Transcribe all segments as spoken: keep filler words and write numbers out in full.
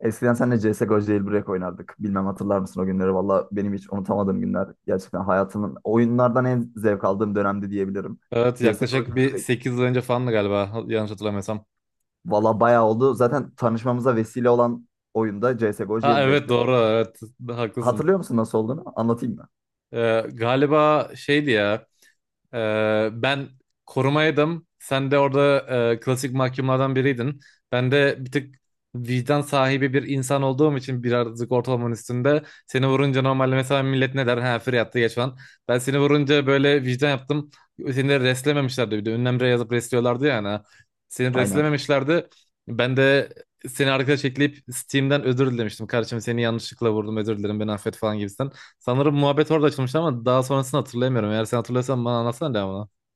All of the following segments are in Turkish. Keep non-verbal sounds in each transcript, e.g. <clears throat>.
Eskiden seninle C S G O Jailbreak oynardık. Bilmem hatırlar mısın o günleri? Valla benim hiç unutamadığım günler. Gerçekten hayatımın oyunlardan en zevk aldığım dönemdi diyebilirim. Evet C S G O yaklaşık bir Jailbreak. sekiz yıl önce falan galiba ha- yanlış hatırlamıyorsam. Valla bayağı oldu. Zaten tanışmamıza vesile olan oyunda C S G O Ha, evet, Jailbreak'tir. doğru, evet, haklısın. Hatırlıyor musun nasıl olduğunu? Anlatayım mı? Ee, galiba şeydi ya. Ee, ben korumaydım. Sen de orada e, klasik mahkumlardan biriydin. Ben de bir tık vicdan sahibi bir insan olduğum için birazcık ortalamanın üstünde. Seni vurunca normalde mesela millet ne der? Ha, free attı geç falan. Ben seni vurunca böyle vicdan yaptım. Seni de reslememişlerdi bir de. Ünlemre yazıp resliyorlardı ya hani. Seni Aynen. reslememişlerdi. Ben de seni arkadaş ekleyip Steam'den özür dilemiştim. Kardeşim, seni yanlışlıkla vurdum, özür dilerim, beni affet falan gibisinden. Sanırım muhabbet orada açılmıştı ama daha sonrasını hatırlayamıyorum. Eğer sen hatırlıyorsan bana anlatsana devamını. <laughs>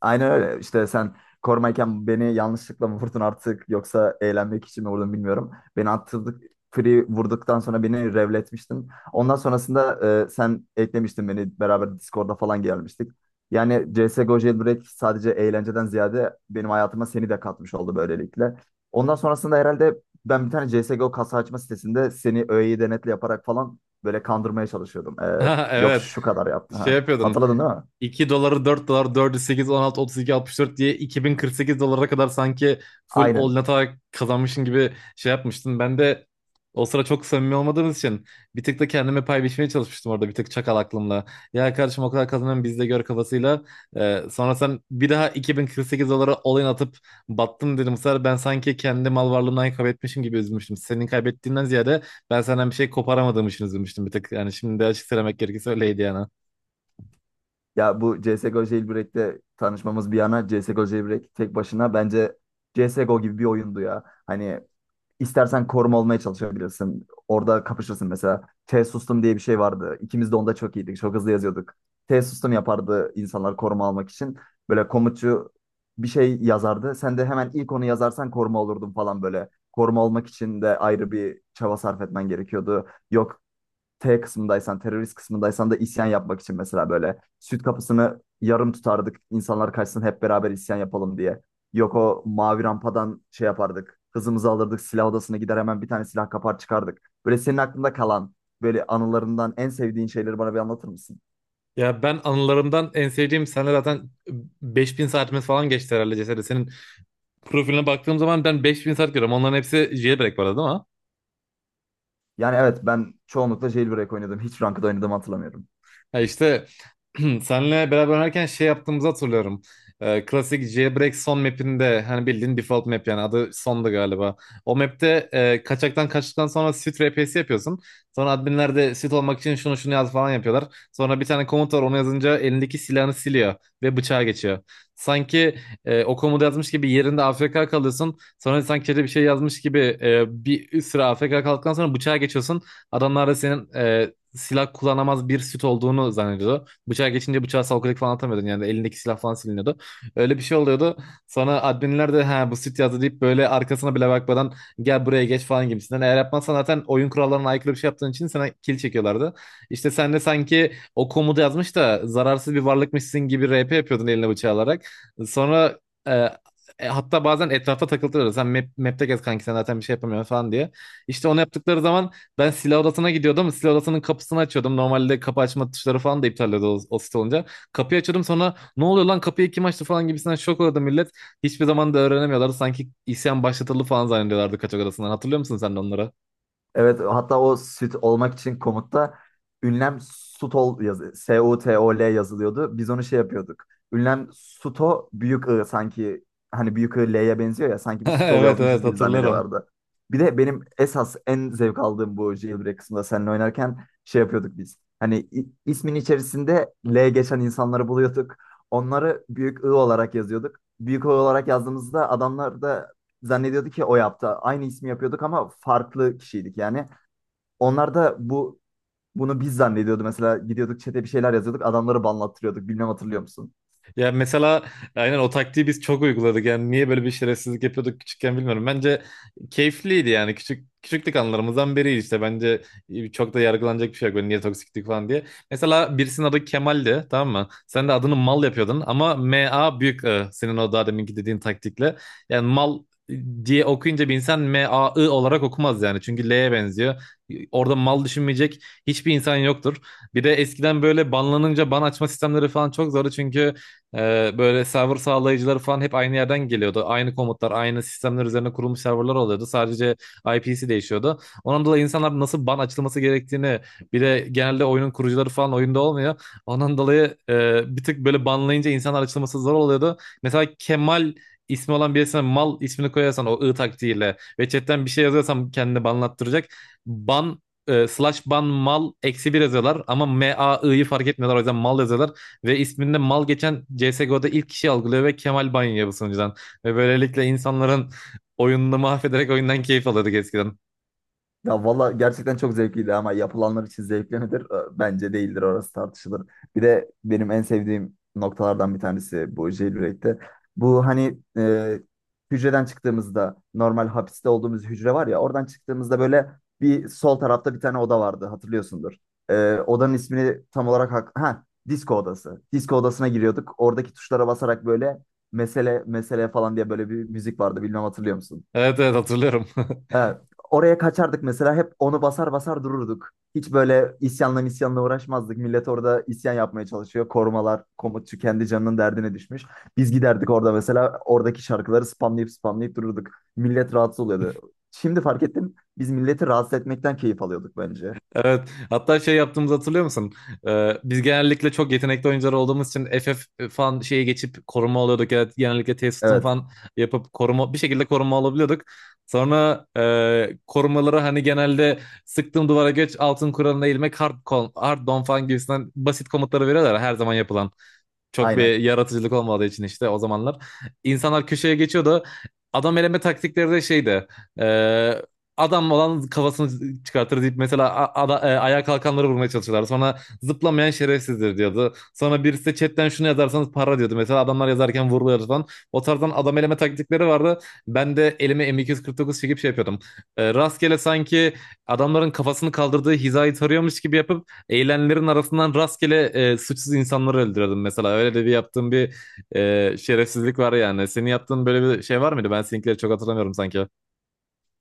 Aynen öyle. İşte sen korumayken beni yanlışlıkla mı vurdun artık yoksa eğlenmek için mi vurdun bilmiyorum. Beni attırdık, free vurduktan sonra beni revletmiştin. Ondan sonrasında e, sen eklemiştin beni beraber Discord'da falan gelmiştik. Yani C S G O Jailbreak sadece eğlenceden ziyade benim hayatıma seni de katmış oldu böylelikle. Ondan sonrasında herhalde ben bir tane C S G O kasa açma sitesinde seni öğeyi denetle yaparak falan böyle kandırmaya çalışıyordum. E, Ha, Yok evet. şu kadar yaptı. Şey Ha. yapıyordun. Hatırladın değil mi? iki doları dört dolar, dördü sekiz, on altı, otuz iki, altmış dört diye iki bin kırk sekiz dolara kadar sanki full all in Aynen. atarak kazanmışsın gibi şey yapmıştın. Ben de o sıra çok samimi olmadığımız için bir tık da kendime pay biçmeye çalışmıştım orada bir tık çakal aklımla. Ya kardeşim, o kadar kazanıyorum biz de gör kafasıyla. Ee, sonra sen bir daha iki bin kırk sekiz dolara all in atıp battın dedim. Bu sefer ben sanki kendi mal varlığımdan kaybetmişim gibi üzülmüştüm. Senin kaybettiğinden ziyade ben senden bir şey koparamadığım için üzülmüştüm bir tık. Yani şimdi de açık söylemek gerekirse öyleydi yani. Ya bu C S G O Jailbreak'te tanışmamız bir yana C S G O Jailbreak tek başına bence C S G O gibi bir oyundu ya. Hani istersen koruma olmaya çalışabilirsin. Orada kapışırsın mesela. T sustum diye bir şey vardı. İkimiz de onda çok iyiydik. Çok hızlı yazıyorduk. T sustum yapardı insanlar koruma almak için. Böyle komutçu bir şey yazardı. Sen de hemen ilk onu yazarsan koruma olurdun falan böyle. Koruma olmak için de ayrı bir çaba sarf etmen gerekiyordu. Yok T kısmındaysan, terörist kısmındaysan da isyan yapmak için mesela böyle süt kapısını yarım tutardık. İnsanlar kaçsın hep beraber isyan yapalım diye. Yok o mavi rampadan şey yapardık. Hızımızı alırdık, silah odasına gider hemen bir tane silah kapar çıkardık. Böyle senin aklında kalan böyle anılarından en sevdiğin şeyleri bana bir anlatır mısın? Ya ben anılarımdan en sevdiğim sene zaten beş bin saatimiz falan geçti herhalde Ceset'e. Senin profiline baktığım zaman ben beş bin saat görüyorum. Onların hepsi jailbreak bu arada değil mi? Yani evet ben çoğunlukla jailbreak oynadım. Hiç ranked oynadığımı hatırlamıyorum. Ya işte <clears throat> senle beraber oynarken şey yaptığımızı hatırlıyorum. Ee, klasik Jailbreak son map'inde, hani bildiğin default map, yani adı sondu galiba. O map'te e, kaçaktan kaçtıktan sonra sit R P'si yapıyorsun. Sonra adminler de sit olmak için şunu şunu yaz falan yapıyorlar. Sonra bir tane komut var, onu yazınca elindeki silahını siliyor ve bıçağa geçiyor. Sanki e, o komutu yazmış gibi yerinde A F K kalıyorsun. Sonra sanki bir şey yazmış gibi e, bir süre A F K kaldıktan sonra bıçağa geçiyorsun. Adamlar da senin e, silah kullanamaz bir süt olduğunu zannediyordu. Bıçağa geçince bıçağı salkılık falan atamıyordun. Yani elindeki silah falan siliniyordu. Öyle bir şey oluyordu. Sonra adminler de ha, bu süt yazdı deyip böyle arkasına bile bakmadan gel buraya geç falan gibisinden. Eğer yapmazsan zaten oyun kurallarına aykırı bir şey yaptığın için sana kill çekiyorlardı. İşte sen de sanki o komutu yazmış da zararsız bir varlıkmışsın gibi R P yapıyordun eline bıçağı alarak. Sonra e, e, hatta bazen etrafta takıldılar. Sen map, map'te gez kanki sen zaten bir şey yapamıyorsun falan diye. İşte onu yaptıkları zaman ben silah odasına gidiyordum ama silah odasının kapısını açıyordum. Normalde kapı açma tuşları falan da iptal ediyordu o, o site olunca. Kapıyı açıyordum, sonra ne oluyor lan, kapıyı kim açtı falan gibisinden şok oldu millet. Hiçbir zaman da öğrenemiyorlardı. Sanki isyan başlatıldı falan zannediyorlardı kaçak odasından. Hatırlıyor musun sen de onları? Evet, hatta o süt olmak için komutta ünlem sutol yazı S-U-T-O-L yazılıyordu. Biz onu şey yapıyorduk. Ünlem suto büyük I sanki hani büyük I L'ye benziyor ya sanki <laughs> biz sutol Evet, yazmışız evet, gibi hatırlıyorum. zannediyorlardı. Bir de benim esas en zevk aldığım bu jailbreak kısmında seninle oynarken şey yapıyorduk biz. Hani i- ismin içerisinde L geçen insanları buluyorduk. Onları büyük I olarak yazıyorduk. Büyük I olarak yazdığımızda adamlar da zannediyordu ki o yaptı. Aynı ismi yapıyorduk ama farklı kişiydik yani. Onlar da bu bunu biz zannediyordu mesela gidiyorduk çete bir şeyler yazıyorduk adamları banlattırıyorduk bilmem hatırlıyor musun? Ya mesela aynen o taktiği biz çok uyguladık. Yani niye böyle bir şerefsizlik yapıyorduk küçükken bilmiyorum. Bence keyifliydi, yani küçük küçüklük anılarımızdan biri işte. Bence çok da yargılanacak bir şey yok. Böyle niye toksiklik falan diye. Mesela birisinin adı Kemal'di, tamam mı? Sen de adını mal yapıyordun ama M A büyük I, senin o daha deminki dediğin taktikle. Yani mal ıı, diye okuyunca bir insan M A I olarak okumaz yani. Çünkü L'ye benziyor. Orada mal düşünmeyecek hiçbir insan yoktur. Bir de eskiden böyle banlanınca ban açma sistemleri falan çok zordu, çünkü ee, böyle server sağlayıcıları falan hep aynı yerden geliyordu. Aynı komutlar, aynı sistemler üzerine kurulmuş serverlar oluyordu. Sadece I P'si değişiyordu. Ondan dolayı insanlar nasıl ban açılması gerektiğini, bir de genelde oyunun kurucuları falan oyunda olmuyor. Ondan dolayı e, bir tık böyle banlayınca insanlar açılması zor oluyordu. Mesela Kemal ismi olan birisine mal ismini koyarsan o ı taktiğiyle ve chatten bir şey yazıyorsan kendini banlattıracak. Ban e, slash ban mal eksi bir yazıyorlar ama m a i'yi fark etmiyorlar, o yüzden mal yazıyorlar. Ve isminde mal geçen C S G O'da ilk kişi algılıyor ve Kemal Banyaya bu sunucudan. Ve böylelikle insanların oyununu mahvederek oyundan keyif alıyorduk eskiden. Ya valla gerçekten çok zevkliydi ama yapılanlar için zevkli midir? Ee, Bence değildir, orası tartışılır. Bir de benim en sevdiğim noktalardan bir tanesi bu jailbreak'te. Bu hani e, hücreden çıktığımızda normal hapiste olduğumuz hücre var ya oradan çıktığımızda böyle bir sol tarafta bir tane oda vardı hatırlıyorsundur. Ee, odanın ismini tam olarak hak ha disco odası. Disco odasına giriyorduk. Oradaki tuşlara basarak böyle mesele mesele falan diye böyle bir müzik vardı. Bilmem hatırlıyor musun? Evet, evet, hatırlıyorum. <laughs> Ee, Oraya kaçardık mesela hep onu basar basar dururduk. Hiç böyle isyanla isyanla uğraşmazdık. Millet orada isyan yapmaya çalışıyor. Korumalar, komutçu kendi canının derdine düşmüş. Biz giderdik orada mesela oradaki şarkıları spamlayıp spamlayıp dururduk. Millet rahatsız oluyordu. Şimdi fark ettim biz milleti rahatsız etmekten keyif alıyorduk bence. Evet, hatta şey yaptığımızı hatırlıyor musun? Ee, biz genellikle çok yetenekli oyuncular olduğumuz için F F falan şeye geçip koruma alıyorduk. Evet, genellikle T-System Evet, falan yapıp koruma, bir şekilde koruma alabiliyorduk. Sonra e, korumaları hani genelde sıktığım duvara geç, altın kuralına eğilmek, hard, kon- hard don falan gibisinden basit komutları veriyorlar ya, her zaman yapılan. Çok aynen. bir yaratıcılık olmadığı için işte o zamanlar. İnsanlar köşeye geçiyordu. Adam eleme taktikleri de şeydi. e, Adam olan kafasını çıkartır deyip mesela a- ada- e, ayağa kalkanları vurmaya çalışıyorlar. Sonra zıplamayan şerefsizdir diyordu. Sonra birisi de chatten şunu yazarsanız para diyordu. Mesela adamlar yazarken vuruluyordu falan. O tarzdan adam eleme taktikleri vardı. Ben de elime M iki yüz kırk dokuz çekip şey yapıyordum. E, rastgele sanki adamların kafasını kaldırdığı hizayı tarıyormuş gibi yapıp eğilenlerin arasından rastgele e, suçsuz insanları öldürüyordum mesela. Öyle de bir yaptığım bir e, şerefsizlik var yani. Senin yaptığın böyle bir şey var mıydı? Ben seninkileri çok hatırlamıyorum sanki.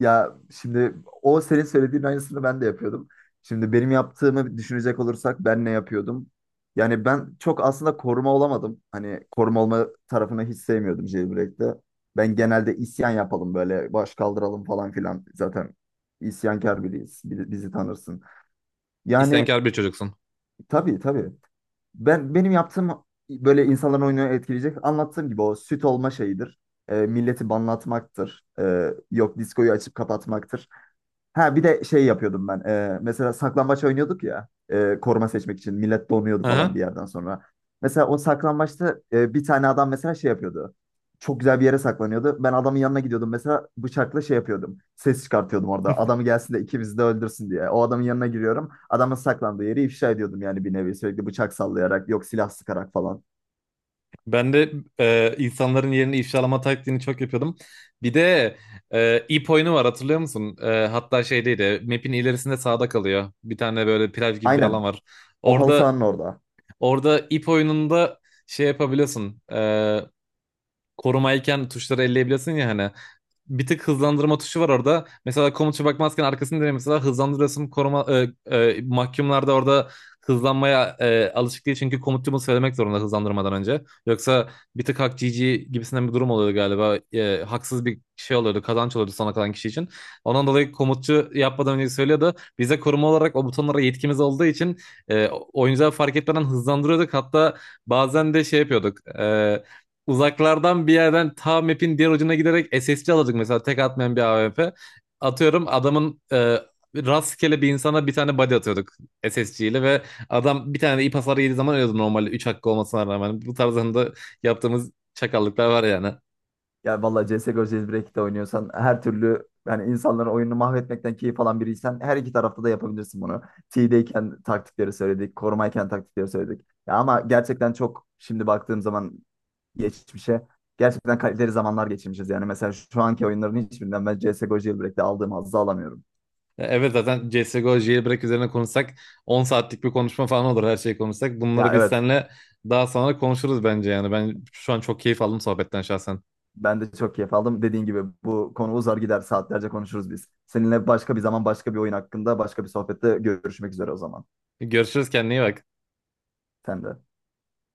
Ya şimdi o senin söylediğin aynısını ben de yapıyordum. Şimdi benim yaptığımı düşünecek olursak ben ne yapıyordum? Yani ben çok aslında koruma olamadım. Hani koruma olma tarafını hiç sevmiyordum Jailbreak'te. Ben genelde isyan yapalım böyle baş kaldıralım falan filan. Zaten isyankar biriyiz. Bizi, bizi tanırsın. Yani İsyankar bir çocuksun. tabii, tabii. Ben benim yaptığım böyle insanların oyununu etkileyecek anlattığım gibi o süt olma şeyidir. E, milleti banlatmaktır. E, yok, diskoyu açıp kapatmaktır. Ha bir de şey yapıyordum ben. Ee, mesela saklambaç oynuyorduk ya. E, koruma seçmek için. Millet donuyordu falan Aha. bir yerden sonra. Mesela o saklambaçta e, bir tane adam mesela şey yapıyordu. Çok güzel bir yere saklanıyordu. Ben adamın yanına gidiyordum. Mesela bıçakla şey yapıyordum. Ses çıkartıyordum orada. Adamı gelsin de ikimizi de öldürsün diye. O adamın yanına giriyorum. Adamın saklandığı yeri ifşa ediyordum yani bir nevi. Sürekli bıçak sallayarak yok silah sıkarak falan. Ben de e, insanların yerini ifşalama taktiğini çok yapıyordum. Bir de e, ip oyunu var, hatırlıyor musun? E, hatta şey de map'in ilerisinde sağda kalıyor. Bir tane böyle plaj gibi bir alan Aynen. var. O halı Orada sahanın orada. Orada ip oyununda şey yapabiliyorsun. E, korumayken tuşları elleyebilirsin ya hani. Bir tık hızlandırma tuşu var orada. Mesela komuta bakmazken arkasını dönüyor. Mesela hızlandırıyorsun koruma, e, e, mahkumlar da orada hızlanmaya e, alışık değil. Çünkü komutçumu söylemek zorunda hızlandırmadan önce. Yoksa bir tık hak G G gibisinden bir durum oluyordu galiba. E, haksız bir şey oluyordu. Kazanç oluyordu sona kalan kişi için. Ondan dolayı komutçu yapmadan önce söylüyordu. Bize koruma olarak o butonlara yetkimiz olduğu için e, oyuncular fark etmeden hızlandırıyorduk. Hatta bazen de şey yapıyorduk. E, Uzaklardan bir yerden ta map'in diğer ucuna giderek S S C alacak mesela tek atmayan bir A W P. Atıyorum adamın e, rastgele bir insana bir tane body atıyorduk S S C ile ve adam bir tane de ip hasarı yediği zaman ölüyordu normalde üç hakkı olmasına rağmen. Bu tarzında yaptığımız çakallıklar var yani. Ya vallahi C S G O Jailbreak'te oynuyorsan her türlü yani insanların oyununu mahvetmekten keyif alan biriysen her iki tarafta da yapabilirsin bunu. T'deyken taktikleri söyledik, korumayken taktikleri söyledik. Ya ama gerçekten çok şimdi baktığım zaman geçmişe gerçekten kaliteli zamanlar geçirmişiz. Yani mesela şu anki oyunların hiçbirinden ben C S G O Jailbreak'te aldığım hazzı alamıyorum. E, Evet, zaten C S G O jailbreak üzerine konuşsak on saatlik bir konuşma falan olur her şeyi konuşsak. Bunları Ya biz evet, seninle daha sonra konuşuruz bence yani. Ben şu an çok keyif aldım sohbetten şahsen. ben de çok keyif aldım. Dediğin gibi bu konu uzar gider, saatlerce konuşuruz biz. Seninle başka bir zaman başka bir oyun hakkında başka bir sohbette görüşmek üzere o zaman. Görüşürüz, kendine iyi bak. Sen de.